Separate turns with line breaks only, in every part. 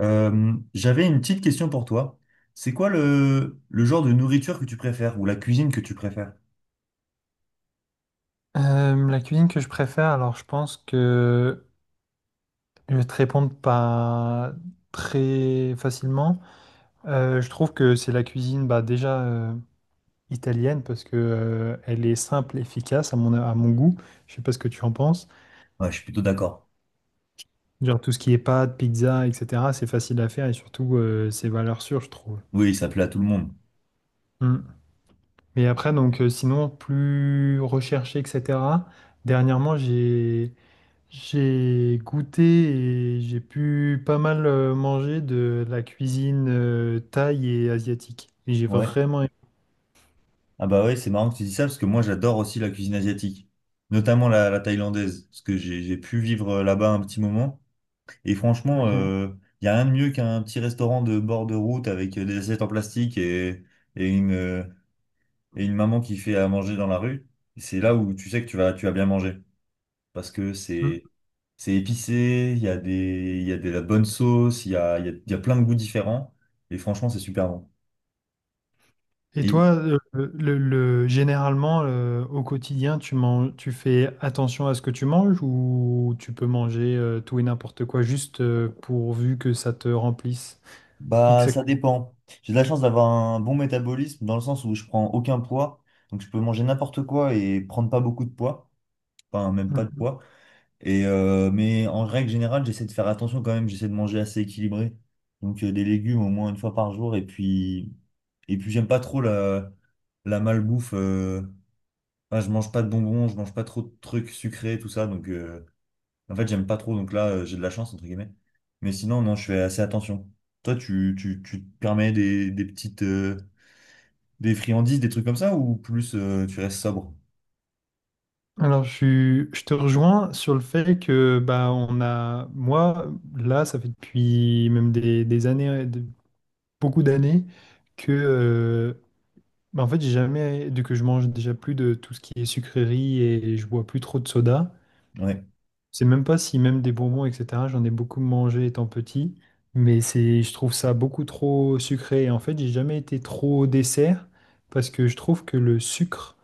J'avais une petite question pour toi. C'est quoi le genre de nourriture que tu préfères ou la cuisine que tu préfères?
La cuisine que je préfère, alors je pense que je vais te répondre pas très facilement. Je trouve que c'est la cuisine déjà italienne parce que elle est simple, efficace à mon goût. Je sais pas ce que tu en penses.
Ouais, je suis plutôt d'accord.
Genre tout ce qui est pâtes, pizza, etc. C'est facile à faire et surtout c'est valeur sûre, je trouve.
Oui, ça plaît à tout le monde.
Mm. Mais après donc sinon plus recherché, etc. Dernièrement j'ai goûté et j'ai pu pas mal manger de la cuisine thaï et asiatique. Et j'ai
Ouais.
vraiment aimé.
Ah bah ouais, c'est marrant que tu dis ça parce que moi j'adore aussi la cuisine asiatique, notamment la thaïlandaise, parce que j'ai pu vivre là-bas un petit moment. Et franchement,
Ok.
il n'y a rien de mieux qu'un petit restaurant de bord de route avec des assiettes en plastique et une, euh, et une maman qui fait à manger dans la rue. C'est là où tu sais que tu vas bien manger. Parce que
Mm.
c'est épicé, il y a de la bonne sauce, il y a, il y a, il y a plein de goûts différents et franchement c'est super bon.
Et
Et
toi, généralement, au quotidien, tu manges, tu fais attention à ce que tu manges, ou tu peux manger tout et n'importe quoi juste pourvu que ça te remplisse
Bah,
X à
ça
coup.
dépend. J'ai de la chance d'avoir un bon métabolisme dans le sens où je prends aucun poids. Donc, je peux manger n'importe quoi et prendre pas beaucoup de poids. Enfin, même pas de
Mm.
poids. Mais en règle générale, j'essaie de faire attention quand même. J'essaie de manger assez équilibré. Donc, des légumes au moins une fois par jour. Et puis j'aime pas trop la malbouffe. Ah, je mange pas de bonbons, je mange pas trop de trucs sucrés, tout ça. Donc, en fait, j'aime pas trop. Donc là, j'ai de la chance, entre guillemets. Mais sinon, non, je fais assez attention. Toi, tu te permets des petites, des friandises, des trucs comme ça, ou plus tu restes sobre?
Alors, je te rejoins sur le fait que bah, on a, moi, là, ça fait depuis même des années, beaucoup d'années que bah, en fait j'ai jamais de que je mange déjà plus de tout ce qui est sucrerie et je bois plus trop de soda.
Ouais,
Je sais même pas si même des bonbons etc. J'en ai beaucoup mangé étant petit, mais c'est je trouve ça beaucoup trop sucré. Et en fait j'ai jamais été trop dessert parce que je trouve que le sucre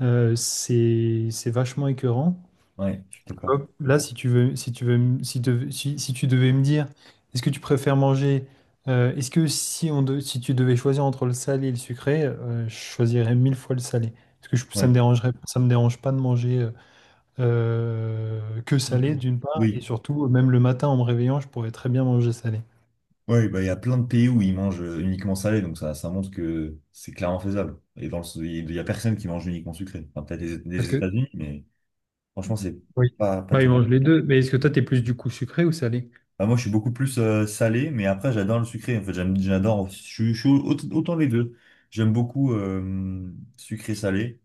c'est vachement écœurant
ouais, je suis d'accord.
vois. Là, si tu veux, si tu veux, si, te- si, si tu devais me dire, est-ce que tu préfères manger, est-ce que si on de- si tu devais choisir entre le salé et le sucré, je choisirais mille fois le salé. Ça
Oui.
me dérangerait, ça me dérange pas de manger que salé d'une part, et
Oui,
surtout, même le matin en me réveillant, je pourrais très bien manger salé.
ouais, bah, il y a plein de pays où ils mangent uniquement salé, donc ça montre que c'est clairement faisable. Et dans le, il y a personne qui mange uniquement sucré. Enfin, peut-être les,
Parce
les
que,
États-Unis, mais franchement, c'est
oui,
pas
bah, ils mangent
terrible.
les deux, mais est-ce que toi, t'es plus du coup sucré ou salé?
Ah, moi, je suis beaucoup plus salé, mais après, j'adore le sucré. En fait, j'adore. Je suis autant les deux. J'aime beaucoup sucré-salé.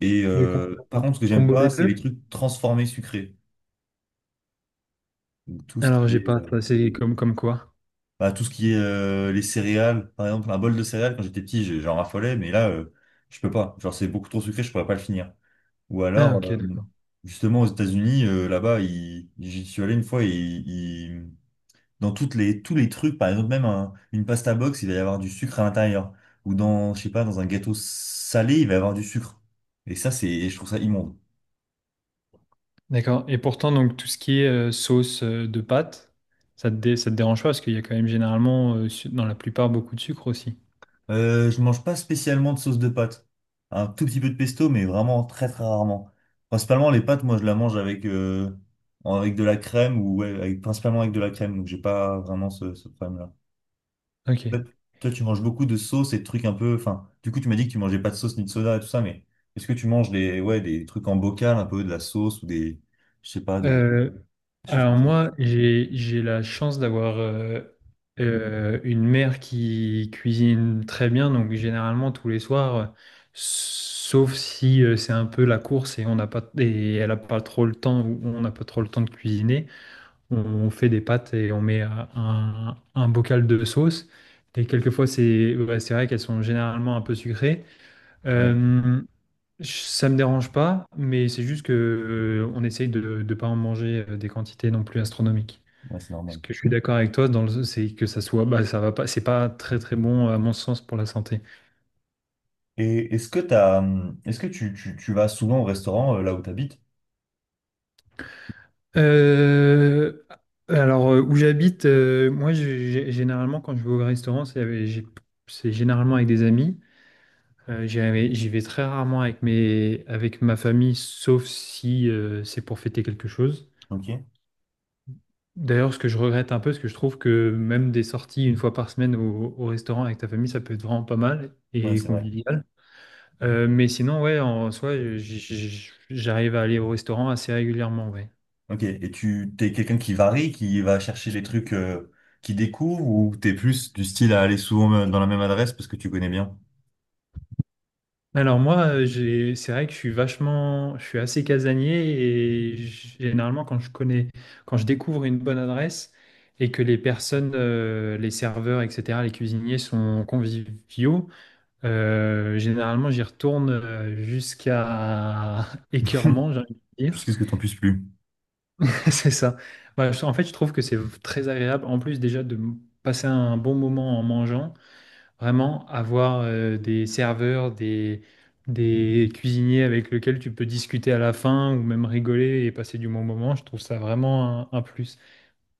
Et
Le com-
par
le
contre, ce que j'aime
combo
pas,
des
c'est les
deux?
trucs transformés sucrés. Donc, tout ce
Alors,
qui
j'ai
est,
pas,
euh,
ça, c'est comme quoi?
Tout ce qui est les céréales. Par exemple, un bol de céréales, quand j'étais petit, j'en raffolais, mais là, je peux pas. Genre, c'est beaucoup trop sucré, je pourrais pas le finir. Ou
Ah,
alors,
ok, d'accord.
justement, aux États-Unis, là-bas, j'y suis allé une fois et dans tous les trucs, par exemple, une pasta box, il va y avoir du sucre à l'intérieur. Ou dans, je sais pas, dans un gâteau salé, il va y avoir du sucre. Et ça, c'est, je trouve ça immonde.
D'accord. Et pourtant, donc, tout ce qui est sauce de pâte, ça te dérange pas parce qu'il y a quand même généralement, dans la plupart, beaucoup de sucre aussi.
Je mange pas spécialement de sauce de pâte. Un tout petit peu de pesto, mais vraiment très très rarement. Principalement, les pâtes, moi, je la mange avec, avec de la crème ou ouais, avec, principalement avec de la crème. Donc, j'ai pas vraiment ce problème-là.
Ok.
Toi, toi, tu manges beaucoup de sauces et de trucs un peu. Enfin, du coup, tu m'as dit que tu mangeais pas de sauce ni de soda et tout ça, mais est-ce que tu manges ouais, des trucs en bocal, un peu de la sauce ou des, je sais pas, des
Euh,
choses comme
alors
ça?
moi, j'ai la chance d'avoir une mère qui cuisine très bien, donc généralement tous les soirs, sauf si c'est un peu la course et on n'a pas et elle n'a pas trop le temps ou on n'a pas trop le temps de cuisiner. On fait des pâtes et on met un bocal de sauce. Et quelquefois, c'est ouais, c'est vrai qu'elles sont généralement un peu sucrées.
Ouais,
Euh, ça me dérange pas, mais c'est juste que on essaye de ne pas en manger des quantités non plus astronomiques.
ouais, c'est
Parce
normal.
que je suis d'accord avec toi, c'est que ça soit, bah, ça va pas, c'est pas très très bon à mon sens pour la santé.
Et est-ce que t'as, est-ce que tu vas souvent au restaurant là où t'habites?
Euh, alors où j'habite, moi généralement quand je vais au restaurant, c'est généralement avec des amis. J'y vais très rarement avec avec ma famille, sauf si c'est pour fêter quelque chose.
Ok.
D'ailleurs, ce que je regrette un peu, parce que je trouve que même des sorties une fois par semaine au restaurant avec ta famille, ça peut être vraiment pas mal
Ouais,
et
c'est vrai.
convivial. Mais sinon, ouais, en soi, j'arrive à aller au restaurant assez régulièrement, ouais.
Ok. Et t'es quelqu'un qui varie, qui va chercher les trucs qu'il découvre, ou t'es plus du style à aller souvent dans la même adresse parce que tu connais bien,
Alors moi, c'est vrai que je suis vachement, je suis assez casanier et généralement quand je découvre une bonne adresse et que les personnes, les serveurs, etc., les cuisiniers sont conviviaux, généralement j'y retourne jusqu'à écœurement, j'ai envie de dire.
jusqu'à ce que t'en puisses plus.
C'est ça. En fait, je trouve que c'est très agréable. En plus déjà de passer un bon moment en mangeant. Vraiment, avoir des serveurs, des cuisiniers avec lesquels tu peux discuter à la fin ou même rigoler et passer du bon moment, je trouve ça vraiment un plus.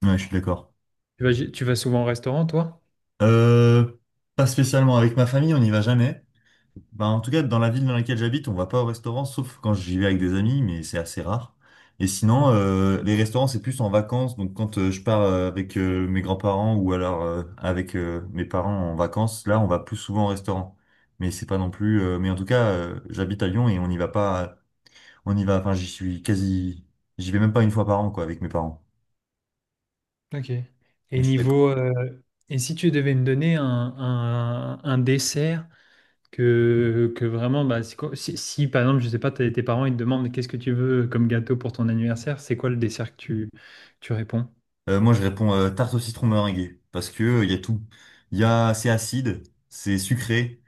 Ouais, je suis d'accord.
Tu vas souvent au restaurant, toi?
Euh, Pas spécialement avec ma famille, on n'y va jamais. Bah, en tout cas, dans la ville dans laquelle j'habite, on va pas au restaurant, sauf quand j'y vais avec des amis, mais c'est assez rare. Et sinon,
Mhm.
les restaurants, c'est plus en vacances. Donc quand je pars avec mes grands-parents ou alors avec mes parents en vacances, là, on va plus souvent au restaurant. Mais c'est pas non plus. Mais en tout cas, j'habite à Lyon et on n'y va pas. On y va. Enfin, j'y suis quasi. J'y vais même pas une fois par an, quoi, avec mes parents.
Ok.
Mais
Et
je suis d'accord.
niveau, et si tu devais me donner un dessert que vraiment, bah, c'est quoi- si, si, par exemple, je sais pas, tes parents ils te demandent qu'est-ce que tu veux comme gâteau pour ton anniversaire, c'est quoi le dessert que tu réponds?
Moi, je réponds tarte au citron meringuée parce que il y a tout. Il y a, c'est acide, c'est sucré,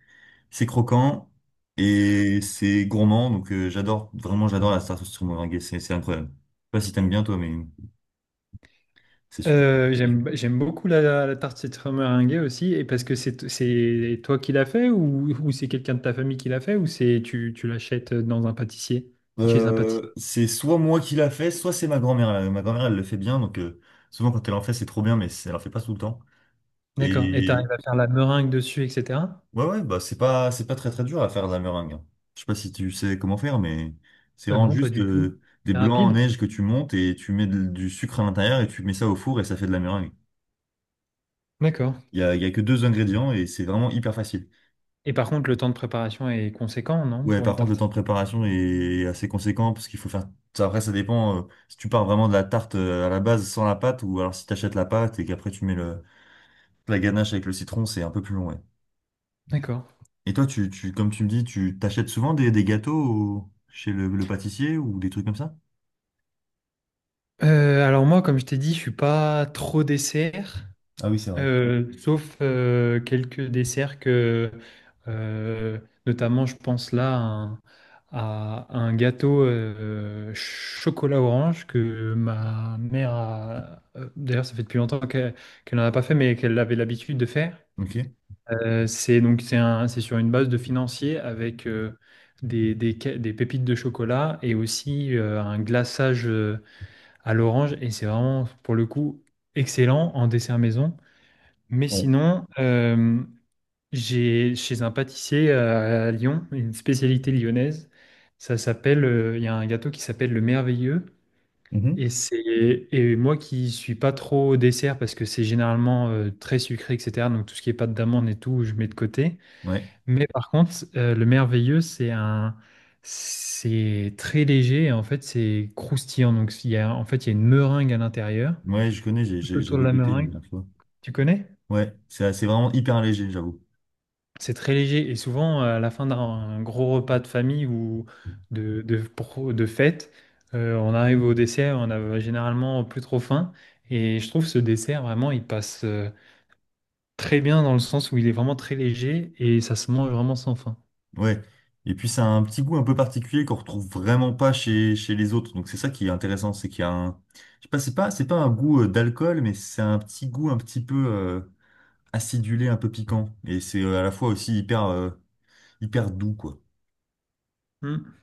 c'est croquant et c'est gourmand. Donc, vraiment, j'adore la tarte au citron meringuée. C'est incroyable. Je sais pas si t'aimes bien toi, mais c'est super.
J'aime beaucoup la tarte citron meringuée aussi, et parce que c'est toi qui l'as fait ou c'est quelqu'un de ta famille qui l'a fait ou c'est tu l'achètes dans un pâtissier, chez un pâtissier.
C'est soit moi qui l'a fait, soit c'est ma grand-mère. Ma grand-mère, elle le fait bien. Donc, souvent quand elle en fait, c'est trop bien, elle en fait pas tout le temps.
D'accord. Et tu
Et
arrives à faire la meringue dessus, etc.
Ouais, ouais, bah c'est pas très très dur à faire de la meringue, hein. Je sais pas si tu sais comment faire, mais c'est vraiment
Non, pas
juste
du tout.
des
C'est
blancs en
rapide.
neige que tu montes et tu mets du sucre à l'intérieur et tu mets ça au four et ça fait de la meringue.
D'accord.
Il y a que deux ingrédients et c'est vraiment hyper facile.
Et par contre, le temps de préparation est conséquent, non,
Ouais,
pour
par
une
contre, le
tarte.
temps de préparation est assez conséquent parce qu'il faut faire. Ça, après, ça dépend si tu pars vraiment de la tarte à la base sans la pâte ou alors si tu achètes la pâte et qu'après tu mets la ganache avec le citron, c'est un peu plus long, ouais.
D'accord.
Et toi, comme tu me dis, tu t'achètes souvent des gâteaux chez le pâtissier ou des trucs comme ça?
Alors moi, comme je t'ai dit, je suis pas trop dessert.
Ah oui, c'est vrai.
Sauf quelques desserts euh, notamment, je pense là à un gâteau chocolat orange que ma mère a. D'ailleurs, ça fait depuis longtemps qu'elle n'en a pas fait, mais qu'elle avait l'habitude de faire.
Ok.
C'est donc c'est sur une base de financier avec des pépites de chocolat et aussi un glaçage à l'orange. Et c'est vraiment, pour le coup, excellent en dessert maison. Mais
Ouais.
sinon, j'ai chez un pâtissier à Lyon, une spécialité lyonnaise. Il y a un gâteau qui s'appelle le Merveilleux.
Mhm.
Et c'est et moi qui suis pas trop au dessert parce que c'est généralement très sucré, etc. Donc tout ce qui est pâte d'amande et tout, je mets de côté.
Ouais.
Mais par contre, le Merveilleux, c'est très léger et en fait c'est croustillant. Donc il y a une meringue à l'intérieur.
Ouais, je connais,
Tout autour de
j'avais
la
goûté la
meringue,
dernière fois.
tu connais?
Ouais, c'est vraiment hyper léger, j'avoue.
C'est très léger et souvent à la fin d'un gros repas de famille ou de fête, on arrive au dessert, on a généralement plus trop faim et je trouve ce dessert vraiment il passe très bien dans le sens où il est vraiment très léger et ça se mange vraiment sans faim.
Ouais. Et puis ça a un petit goût un peu particulier qu'on retrouve vraiment pas chez, chez les autres. Donc c'est ça qui est intéressant, c'est qu'il y a un je sais pas, c'est pas un goût d'alcool, mais c'est un petit goût un petit peu acidulé, un peu piquant et c'est à la fois aussi hyper doux quoi.
Hmm.